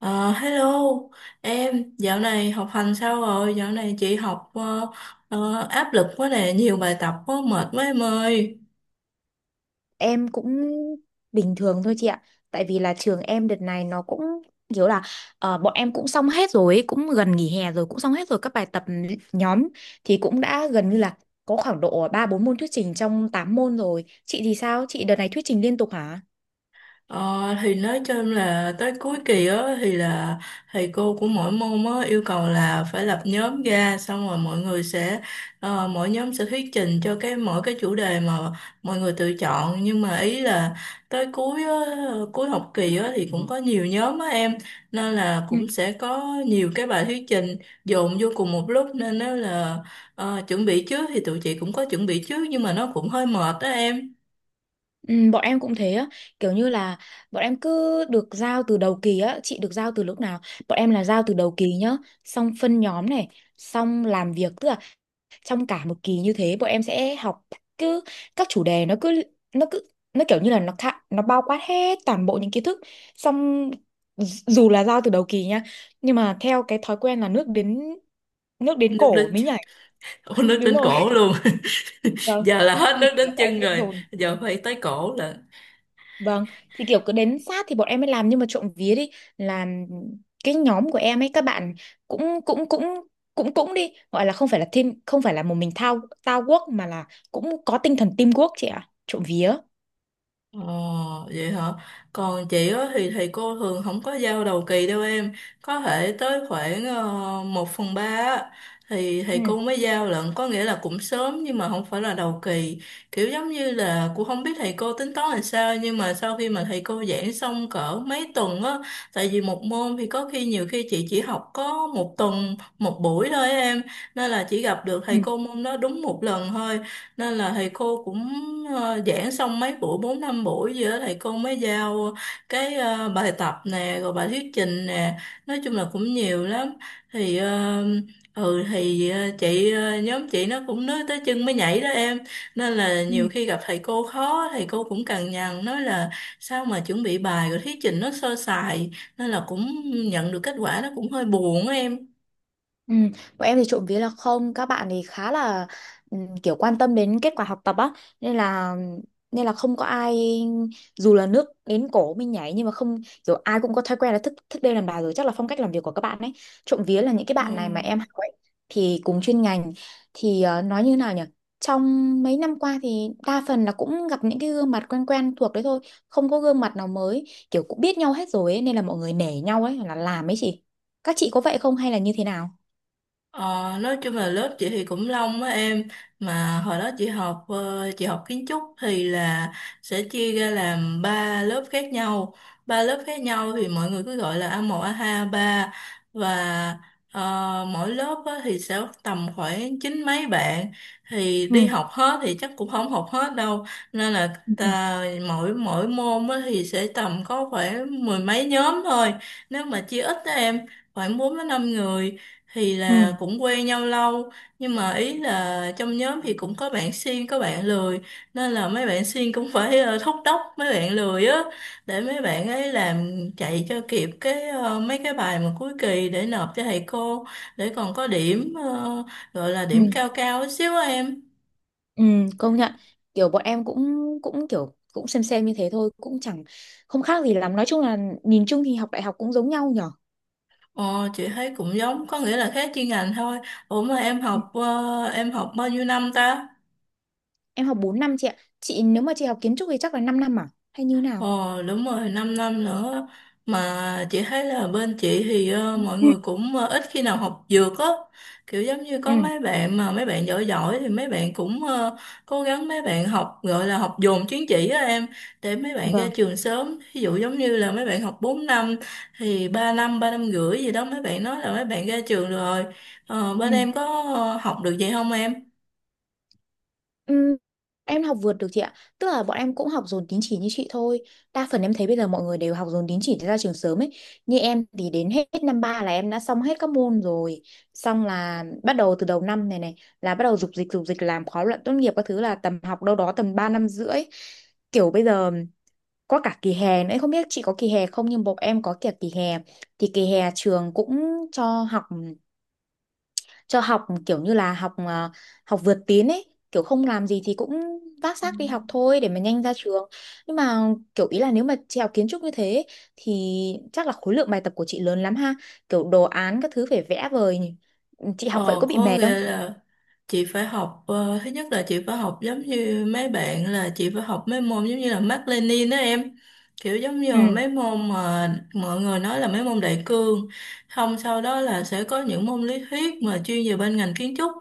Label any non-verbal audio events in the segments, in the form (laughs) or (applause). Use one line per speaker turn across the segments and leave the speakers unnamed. Ờ, Hello em, dạo này học hành sao rồi? Dạo này chị học áp lực quá nè, nhiều bài tập quá, mệt quá em ơi.
Em cũng bình thường thôi chị ạ. Tại vì là trường em đợt này nó cũng kiểu là bọn em cũng xong hết rồi, ấy, cũng gần nghỉ hè rồi, cũng xong hết rồi các bài tập nhóm thì cũng đã gần như là có khoảng độ 3 4 môn thuyết trình trong 8 môn rồi. Chị thì sao? Chị đợt này thuyết trình liên tục hả?
Ờ, thì nói chung là tới cuối kỳ á thì là thầy cô của mỗi môn á yêu cầu là phải lập nhóm ra, xong rồi mọi người sẽ mỗi nhóm sẽ thuyết trình cho cái mỗi cái chủ đề mà mọi người tự chọn, nhưng mà ý là tới cuối á, cuối học kỳ á thì cũng có nhiều nhóm á em, nên là
Ừ,
cũng sẽ có nhiều cái bài thuyết trình dồn vô cùng một lúc nên nó là chuẩn bị trước thì tụi chị cũng có chuẩn bị trước, nhưng mà nó cũng hơi mệt đó em.
ừ, bọn em cũng thế á, kiểu như là bọn em cứ được giao từ đầu kỳ á. Chị được giao từ lúc nào? Bọn em là giao từ đầu kỳ nhá, xong phân nhóm này, xong làm việc, tức là trong cả một kỳ như thế bọn em sẽ học, cứ các chủ đề nó cứ nó kiểu như là nó khá, nó bao quát hết toàn bộ những kiến thức. Xong dù là giao từ đầu kỳ nha, nhưng mà theo cái thói quen là nước đến
Nước
cổ
đến
mới nhảy.
(laughs) Nước
Đúng
đến
rồi.
cổ luôn.
(laughs) Vâng,
Giờ là hết
thì
nước
kiểu
đến
là bọn em
chân
sẽ
rồi.
dồn.
Giờ phải tới cổ là.
Vâng, thì kiểu cứ đến sát thì bọn em mới làm, nhưng mà trộm vía đi, là cái nhóm của em ấy các bạn cũng cũng cũng cũng cũng đi, gọi là không phải là team, không phải là một mình thao thao guốc, mà là cũng có tinh thần teamwork chị ạ, trộm vía.
Ồ, vậy hả? Còn chị á thì thầy cô thường không có giao đầu kỳ đâu em. Có thể tới khoảng 1 phần 3 á, thì thầy
Ừ,
cô mới giao lận. Có nghĩa là cũng sớm nhưng mà không phải là đầu kỳ. Kiểu giống như là cũng không biết thầy cô tính toán làm sao, nhưng mà sau khi mà thầy cô giảng xong cỡ mấy tuần á, tại vì một môn thì có khi nhiều khi chị chỉ học có một tuần, một buổi thôi á em. Nên là chỉ gặp được
ừ,
thầy cô môn đó đúng một lần thôi, nên là thầy cô cũng giảng xong mấy buổi, bốn năm buổi gì đó, thầy cô mới giao cái bài tập nè rồi bài thuyết trình nè, nói chung là cũng nhiều lắm. Thì ờ, ừ thì ờ, chị ờ, Nhóm chị nó cũng nói tới chân mới nhảy đó em, nên là
ừ.
nhiều khi gặp thầy cô khó, thầy cô cũng cằn nhằn nói là sao mà chuẩn bị bài rồi thuyết trình nó sơ sài, nên là cũng nhận được kết quả nó cũng hơi buồn á em.
Ừ, bọn em thì trộm vía là không, các bạn thì khá là kiểu quan tâm đến kết quả học tập á, nên là nên là không có ai dù là nước đến cổ mình nhảy nhưng mà không, kiểu ai cũng có thói quen là thức thức đêm làm bài, rồi chắc là phong cách làm việc của các bạn ấy, trộm vía, là những cái
Ừ.
bạn này mà em học ấy thì cùng chuyên ngành. Thì nói như thế nào nhỉ, trong mấy năm qua thì đa phần là cũng gặp những cái gương mặt quen quen thuộc đấy thôi, không có gương mặt nào mới, kiểu cũng biết nhau hết rồi ấy, nên là mọi người nể nhau ấy là làm ấy chị. Các chị có vậy không hay là như thế nào?
Ờ, nói chung là lớp chị thì cũng long á em, mà hồi đó chị học chị học kiến trúc thì là sẽ chia ra làm ba lớp khác nhau. Ba lớp khác nhau thì mọi người cứ gọi là a một, a hai, a ba. Và mỗi lớp á, thì sẽ tầm khoảng chín mấy bạn, thì
Ừ,
đi học hết thì chắc cũng không học hết đâu, nên là
ừ,
ta, mỗi mỗi môn á, thì sẽ tầm có khoảng mười mấy nhóm thôi, nếu mà chia ít đó em, khoảng 4 đến 5 người, thì
ừ,
là
ừ,
cũng quen nhau lâu, nhưng mà ý là trong nhóm thì cũng có bạn siêng có bạn lười, nên là mấy bạn siêng cũng (laughs) phải thúc đốc mấy bạn lười á, để mấy bạn ấy làm, chạy cho kịp cái mấy cái bài mà cuối kỳ để nộp cho thầy cô, để còn có điểm gọi là
ừ.
điểm cao cao chút xíu á em.
Ừ, công nhận, kiểu bọn em cũng cũng kiểu cũng xem như thế thôi, cũng chẳng không khác gì lắm, nói chung là nhìn chung thì học đại học cũng giống nhau nhở.
Ờ, chị thấy cũng giống, có nghĩa là khác chuyên ngành thôi. Ủa mà em
Ừ,
học em học bao nhiêu năm ta?
em học 4 năm chị ạ. Chị nếu mà chị học kiến trúc thì chắc là 5 năm à, hay như nào?
Ờ đúng rồi, 5 năm nữa. Mà chị thấy là bên chị thì mọi
Ừ,
người cũng ít khi nào học dược á. Kiểu giống như
ừ,
có mấy bạn mà mấy bạn giỏi giỏi thì mấy bạn cũng cố gắng, mấy bạn học gọi là học dồn chứng chỉ á em, để mấy bạn ra
vâng,
trường sớm. Ví dụ giống như là mấy bạn học 4 năm thì 3 năm, 3 năm rưỡi gì đó mấy bạn nói là mấy bạn ra trường rồi. Ờ, bên em có học được vậy không em?
ừ. Em học vượt được chị ạ. Tức là bọn em cũng học dồn tín chỉ như chị thôi. Đa phần em thấy bây giờ mọi người đều học dồn tín chỉ để ra trường sớm ấy. Như em thì đến hết năm ba là em đã xong hết các môn rồi. Xong là bắt đầu từ đầu năm này này là bắt đầu dục dịch làm khóa luận tốt nghiệp các thứ, là tầm học đâu đó tầm 3 năm rưỡi. Kiểu bây giờ có cả kỳ hè nữa. Không biết chị có kỳ hè không nhưng bọn em có cả kỳ hè. Thì kỳ hè trường cũng cho học cho học kiểu như là học vượt tiến ấy, kiểu không làm gì thì cũng vác xác đi học thôi để mà nhanh ra trường. Nhưng mà kiểu ý là nếu mà chị học kiến trúc như thế ấy, thì chắc là khối lượng bài tập của chị lớn lắm ha, kiểu đồ án các thứ phải vẽ vời nhỉ. Ừ, chị học vậy
Ờ,
có bị
có
mệt không?
nghĩa là chị phải học thứ nhất là chị phải học giống như mấy bạn, là chị phải học mấy môn giống như là Mác Lênin đó em, kiểu giống như
Ừ,
là mấy môn mà mọi người nói là mấy môn đại cương. Không, sau đó là sẽ có những môn lý thuyết mà chuyên về bên ngành kiến trúc,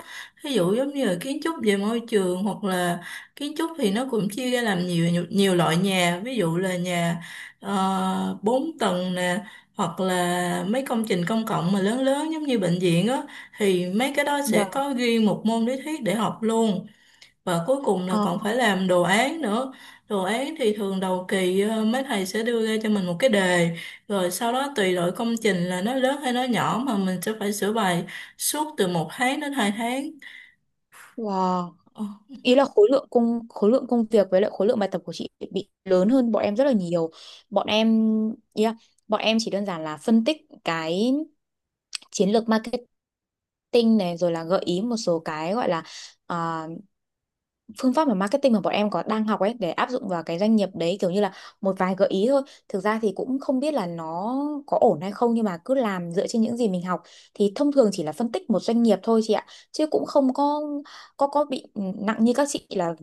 ví dụ giống như là kiến trúc về môi trường, hoặc là kiến trúc thì nó cũng chia ra làm nhiều nhiều, nhiều loại nhà, ví dụ là nhà 4 tầng nè, hoặc là mấy công trình công cộng mà lớn lớn giống như bệnh viện á, thì mấy cái đó sẽ
dạ.
có ghi một môn lý thuyết để học luôn. Và cuối cùng là
Ờ,
còn phải làm đồ án nữa. Đồ án thì thường đầu kỳ mấy thầy sẽ đưa ra cho mình một cái đề, rồi sau đó tùy loại công trình là nó lớn hay nó nhỏ mà mình sẽ phải sửa bài suốt từ một tháng đến hai
wow.
tháng.
Ý là khối lượng công việc với lại khối lượng bài tập của chị bị lớn hơn bọn em rất là nhiều. Bọn em, yeah, bọn em chỉ đơn giản là phân tích cái chiến lược marketing marketing này, rồi là gợi ý một số cái, gọi là à, phương pháp mà marketing mà bọn em có đang học ấy, để áp dụng vào cái doanh nghiệp đấy, kiểu như là một vài gợi ý thôi. Thực ra thì cũng không biết là nó có ổn hay không, nhưng mà cứ làm dựa trên những gì mình học, thì thông thường chỉ là phân tích một doanh nghiệp thôi chị ạ, chứ cũng không có có bị nặng như các chị là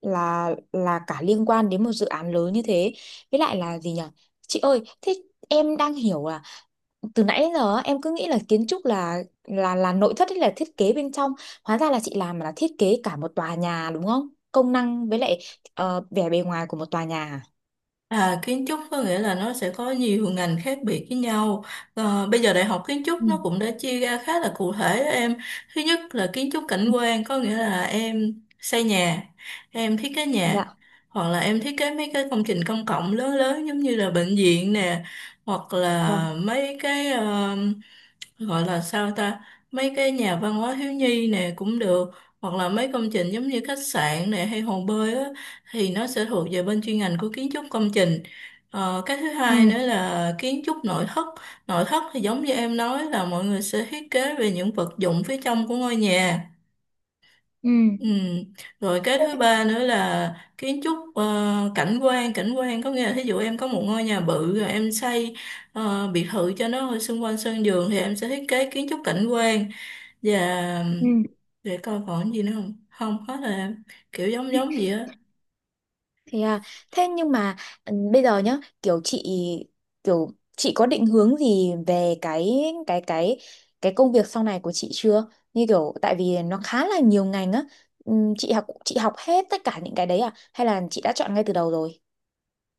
là cả liên quan đến một dự án lớn như thế. Với lại là gì nhỉ, chị ơi, thế em đang hiểu là từ nãy đến giờ á, em cứ nghĩ là kiến trúc là là nội thất hay là thiết kế bên trong, hóa ra là chị làm là thiết kế cả một tòa nhà đúng không, công năng với lại vẻ bề ngoài của một tòa nhà à?
À, kiến trúc có nghĩa là nó sẽ có nhiều ngành khác biệt với nhau. Ờ, bây giờ đại học kiến trúc
Ừ.
nó cũng đã chia ra khá là cụ thể đó em. Thứ nhất là kiến trúc cảnh quan, có nghĩa là em xây nhà, em thiết kế nhà,
Dạ,
hoặc là em thiết kế mấy cái công trình công cộng lớn lớn giống như là bệnh viện nè, hoặc là
vâng.
mấy cái gọi là sao ta, mấy cái nhà văn hóa thiếu nhi nè cũng được, hoặc là mấy công trình giống như khách sạn nè hay hồ bơi á, thì nó sẽ thuộc về bên chuyên ngành của kiến trúc công trình. Cái thứ hai
Ừ,
nữa là kiến trúc nội thất. Nội thất thì giống như em nói, là mọi người sẽ thiết kế về những vật dụng phía trong của ngôi nhà.
ừ,
Ừ. Rồi cái thứ ba nữa là kiến trúc cảnh quan. Cảnh quan có nghĩa là thí dụ em có một ngôi nhà bự rồi em xây biệt thự cho nó ở xung quanh sân vườn, thì em sẽ thiết kế kiến trúc cảnh quan. Và
ừ.
để coi còn gì nữa không, không, hết rồi em. Kiểu giống giống gì á.
Thế à, thế nhưng mà ừ, bây giờ nhá, kiểu chị có định hướng gì về cái cái cái công việc sau này của chị chưa? Như kiểu tại vì nó khá là nhiều ngành á. Chị học hết tất cả những cái đấy à, hay là chị đã chọn ngay từ đầu rồi?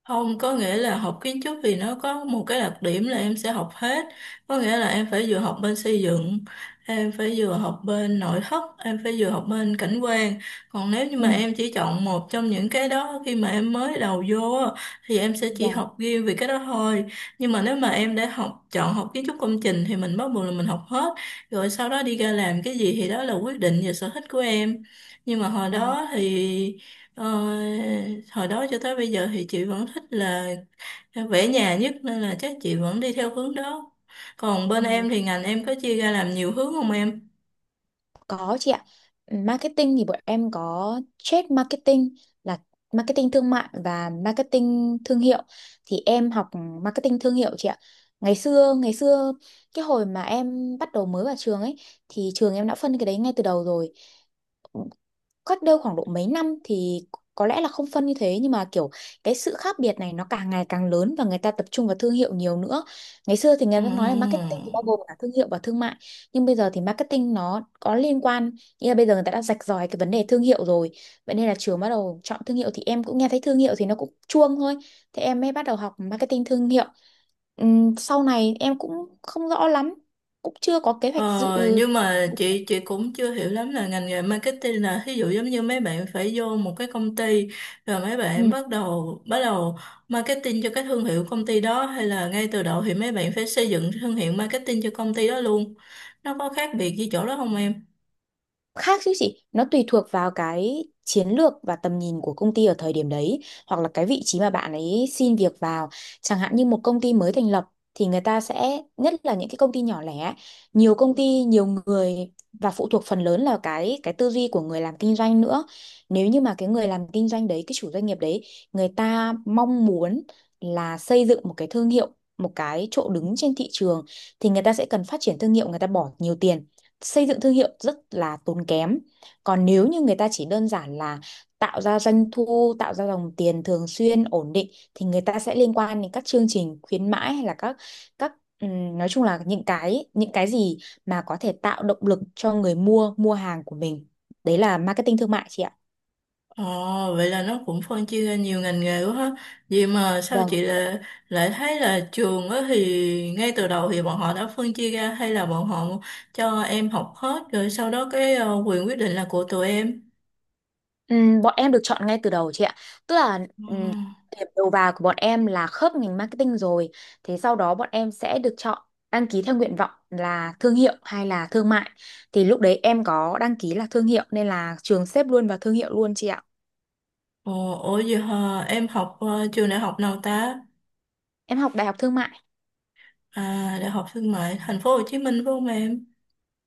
Không, có nghĩa là học kiến trúc thì nó có một cái đặc điểm là em sẽ học hết. Có nghĩa là em phải vừa học bên xây dựng, em phải vừa học bên nội thất, em phải vừa học bên cảnh quan. Còn nếu như
Ừ,
mà em chỉ chọn một trong những cái đó khi mà em mới đầu vô á, thì em sẽ chỉ
dạ.
học riêng về cái đó thôi. Nhưng mà nếu mà em đã học chọn học kiến trúc công trình thì mình bắt buộc là mình học hết. Rồi sau đó đi ra làm cái gì thì đó là quyết định và sở thích của em. Nhưng mà hồi
Ờ,
đó thì Ờ, hồi đó cho tới bây giờ thì chị vẫn thích là vẽ nhà nhất, nên là chắc chị vẫn đi theo hướng đó. Còn bên em
ừ.
thì ngành em có chia ra làm nhiều hướng không em?
Có chị ạ. Marketing thì bọn em có trade marketing, là marketing thương mại và marketing thương hiệu. Thì em học marketing thương hiệu chị ạ. Ngày xưa cái hồi mà em bắt đầu mới vào trường ấy, thì trường em đã phân cái đấy ngay từ đầu rồi. Cách đây khoảng độ mấy năm thì có lẽ là không phân như thế, nhưng mà kiểu cái sự khác biệt này nó càng ngày càng lớn và người ta tập trung vào thương hiệu nhiều nữa. Ngày xưa thì người
Ồ.
ta nói là marketing thì bao gồm cả thương hiệu và thương mại, nhưng bây giờ thì marketing nó có liên quan, nghĩa là bây giờ người ta đã rạch ròi cái vấn đề thương hiệu rồi. Vậy nên là trường bắt đầu chọn thương hiệu thì em cũng nghe thấy thương hiệu thì nó cũng chuông thôi. Thế em mới bắt đầu học marketing thương hiệu. Sau này em cũng không rõ lắm, cũng chưa có kế hoạch dự.
Ờ, nhưng mà chị cũng chưa hiểu lắm là ngành nghề marketing là thí dụ giống như mấy bạn phải vô một cái công ty, rồi mấy bạn
Ừ.
bắt đầu marketing cho cái thương hiệu công ty đó, hay là ngay từ đầu thì mấy bạn phải xây dựng thương hiệu marketing cho công ty đó luôn. Nó có khác biệt gì chỗ đó không em?
Khác chứ chị, nó tùy thuộc vào cái chiến lược và tầm nhìn của công ty ở thời điểm đấy, hoặc là cái vị trí mà bạn ấy xin việc vào. Chẳng hạn như một công ty mới thành lập thì người ta sẽ, nhất là những cái công ty nhỏ lẻ, nhiều công ty nhiều người, và phụ thuộc phần lớn là cái tư duy của người làm kinh doanh nữa. Nếu như mà cái người làm kinh doanh đấy, cái chủ doanh nghiệp đấy, người ta mong muốn là xây dựng một cái thương hiệu, một cái chỗ đứng trên thị trường, thì người ta sẽ cần phát triển thương hiệu, người ta bỏ nhiều tiền xây dựng thương hiệu, rất là tốn kém. Còn nếu như người ta chỉ đơn giản là tạo ra doanh thu, tạo ra dòng tiền thường xuyên ổn định, thì người ta sẽ liên quan đến các chương trình khuyến mãi, hay là các nói chung là những cái gì mà có thể tạo động lực cho người mua mua hàng của mình. Đấy là marketing thương mại chị ạ.
Ồ, vậy là nó cũng phân chia ra nhiều ngành nghề quá ha. Vậy mà sao
Vâng.
chị lại, lại thấy là trường á thì ngay từ đầu thì bọn họ đã phân chia ra, hay là bọn họ cho em học hết rồi sau đó cái quyền quyết định là của tụi em.
Bọn em được chọn ngay từ đầu chị ạ. Tức là
Ừ.
ừm, điểm đầu vào của bọn em là khớp ngành marketing rồi. Thế sau đó bọn em sẽ được chọn đăng ký theo nguyện vọng là thương hiệu hay là thương mại. Thì lúc đấy em có đăng ký là thương hiệu, nên là trường xếp luôn vào thương hiệu luôn chị ạ.
Ồ, ủa vậy hả? Em học trường đại học nào ta?
Em học đại học thương mại.
À, Đại học Thương mại Thành phố Hồ Chí Minh phải không em?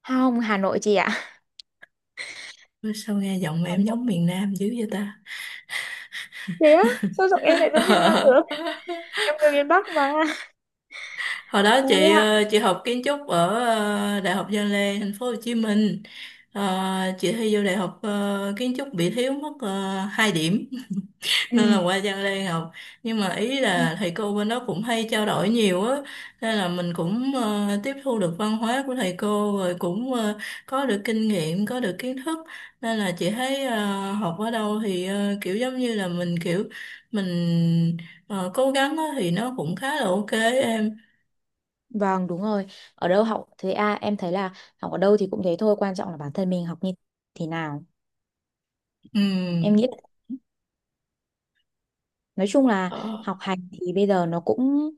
Không, Hà Nội chị ạ.
Sao nghe giọng
Hà
em
Nội.
giống miền Nam dữ vậy ta?
Thế á, sao giọng em lại giống miền Nam được,
(laughs)
em người miền Bắc mà.
Hồi đó
Trời
chị
ạ.
chị học kiến trúc ở Đại học Văn Lang Thành phố Hồ Chí Minh. Ờ, chị thi vô đại học kiến trúc bị thiếu mất 2 điểm (laughs) nên là qua Văn Lang học. Nhưng mà ý
Ừm.
là thầy cô bên đó cũng hay trao đổi nhiều á, nên là mình cũng tiếp thu được văn hóa của thầy cô, rồi cũng có được kinh nghiệm, có được kiến thức, nên là chị thấy học ở đâu thì kiểu giống như là mình kiểu mình ờ, cố gắng á thì nó cũng khá là ok em.
Vâng, đúng rồi. Ở đâu học thì em thấy là học ở đâu thì cũng thế thôi, quan trọng là bản thân mình học như thế nào.
Ừ.
Em nghĩ nói chung là
Ờ,
học hành thì bây giờ nó cũng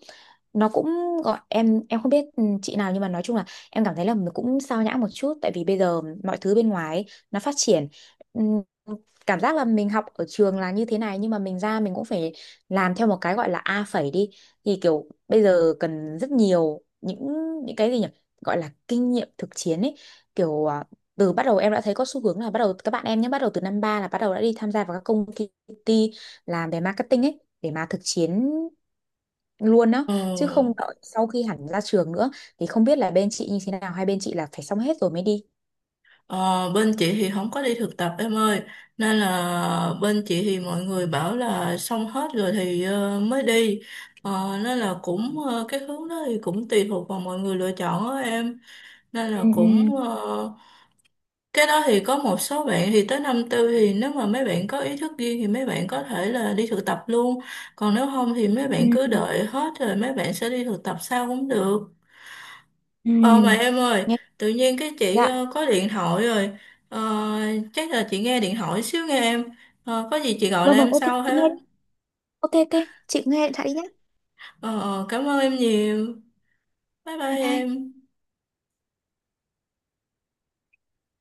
nó cũng gọi, em không biết ừ, chị nào, nhưng mà nói chung là em cảm thấy là mình cũng sao nhãng một chút, tại vì bây giờ mọi thứ bên ngoài ấy, nó phát triển. Ừm, cảm giác là mình học ở trường là như thế này, nhưng mà mình ra mình cũng phải làm theo một cái gọi là A phẩy đi, thì kiểu bây giờ cần rất nhiều những cái gì nhỉ, gọi là kinh nghiệm thực chiến ấy, kiểu à, từ bắt đầu em đã thấy có xu hướng là bắt đầu các bạn em nhé, bắt đầu từ năm ba là bắt đầu đã đi tham gia vào các công ty làm về marketing ấy, để mà thực chiến luôn đó,
ờ,
chứ không đợi sau khi hẳn ra trường nữa. Thì không biết là bên chị như thế nào, hay bên chị là phải xong hết rồi mới đi.
ờ, Bên chị thì không có đi thực tập em ơi, nên là bên chị thì mọi người bảo là xong hết rồi thì mới đi. Ờ, nên là cũng cái hướng đó thì cũng tùy thuộc vào mọi người lựa chọn đó em, nên
Ừ,
là
ừ,
cũng cái đó thì có một số bạn thì tới năm tư thì nếu mà mấy bạn có ý thức riêng thì mấy bạn có thể là đi thực tập luôn, còn nếu không thì mấy bạn cứ
ừ,
đợi hết rồi mấy bạn sẽ đi thực tập sau cũng được.
ừ.
Ờ mà em ơi,
Nhé,
tự nhiên cái chị
dạ,
có điện thoại rồi, Ờ, chắc là chị nghe điện thoại xíu nghe em, Ờ, có gì chị gọi
vâng,
lại
vâng,
em
ok,
sau
chị nghe
ha.
đi. Ok, ok, chị nghe điện thoại đi nhé.
Ờ, Cảm ơn em nhiều, bye bye
Bye bye.
em.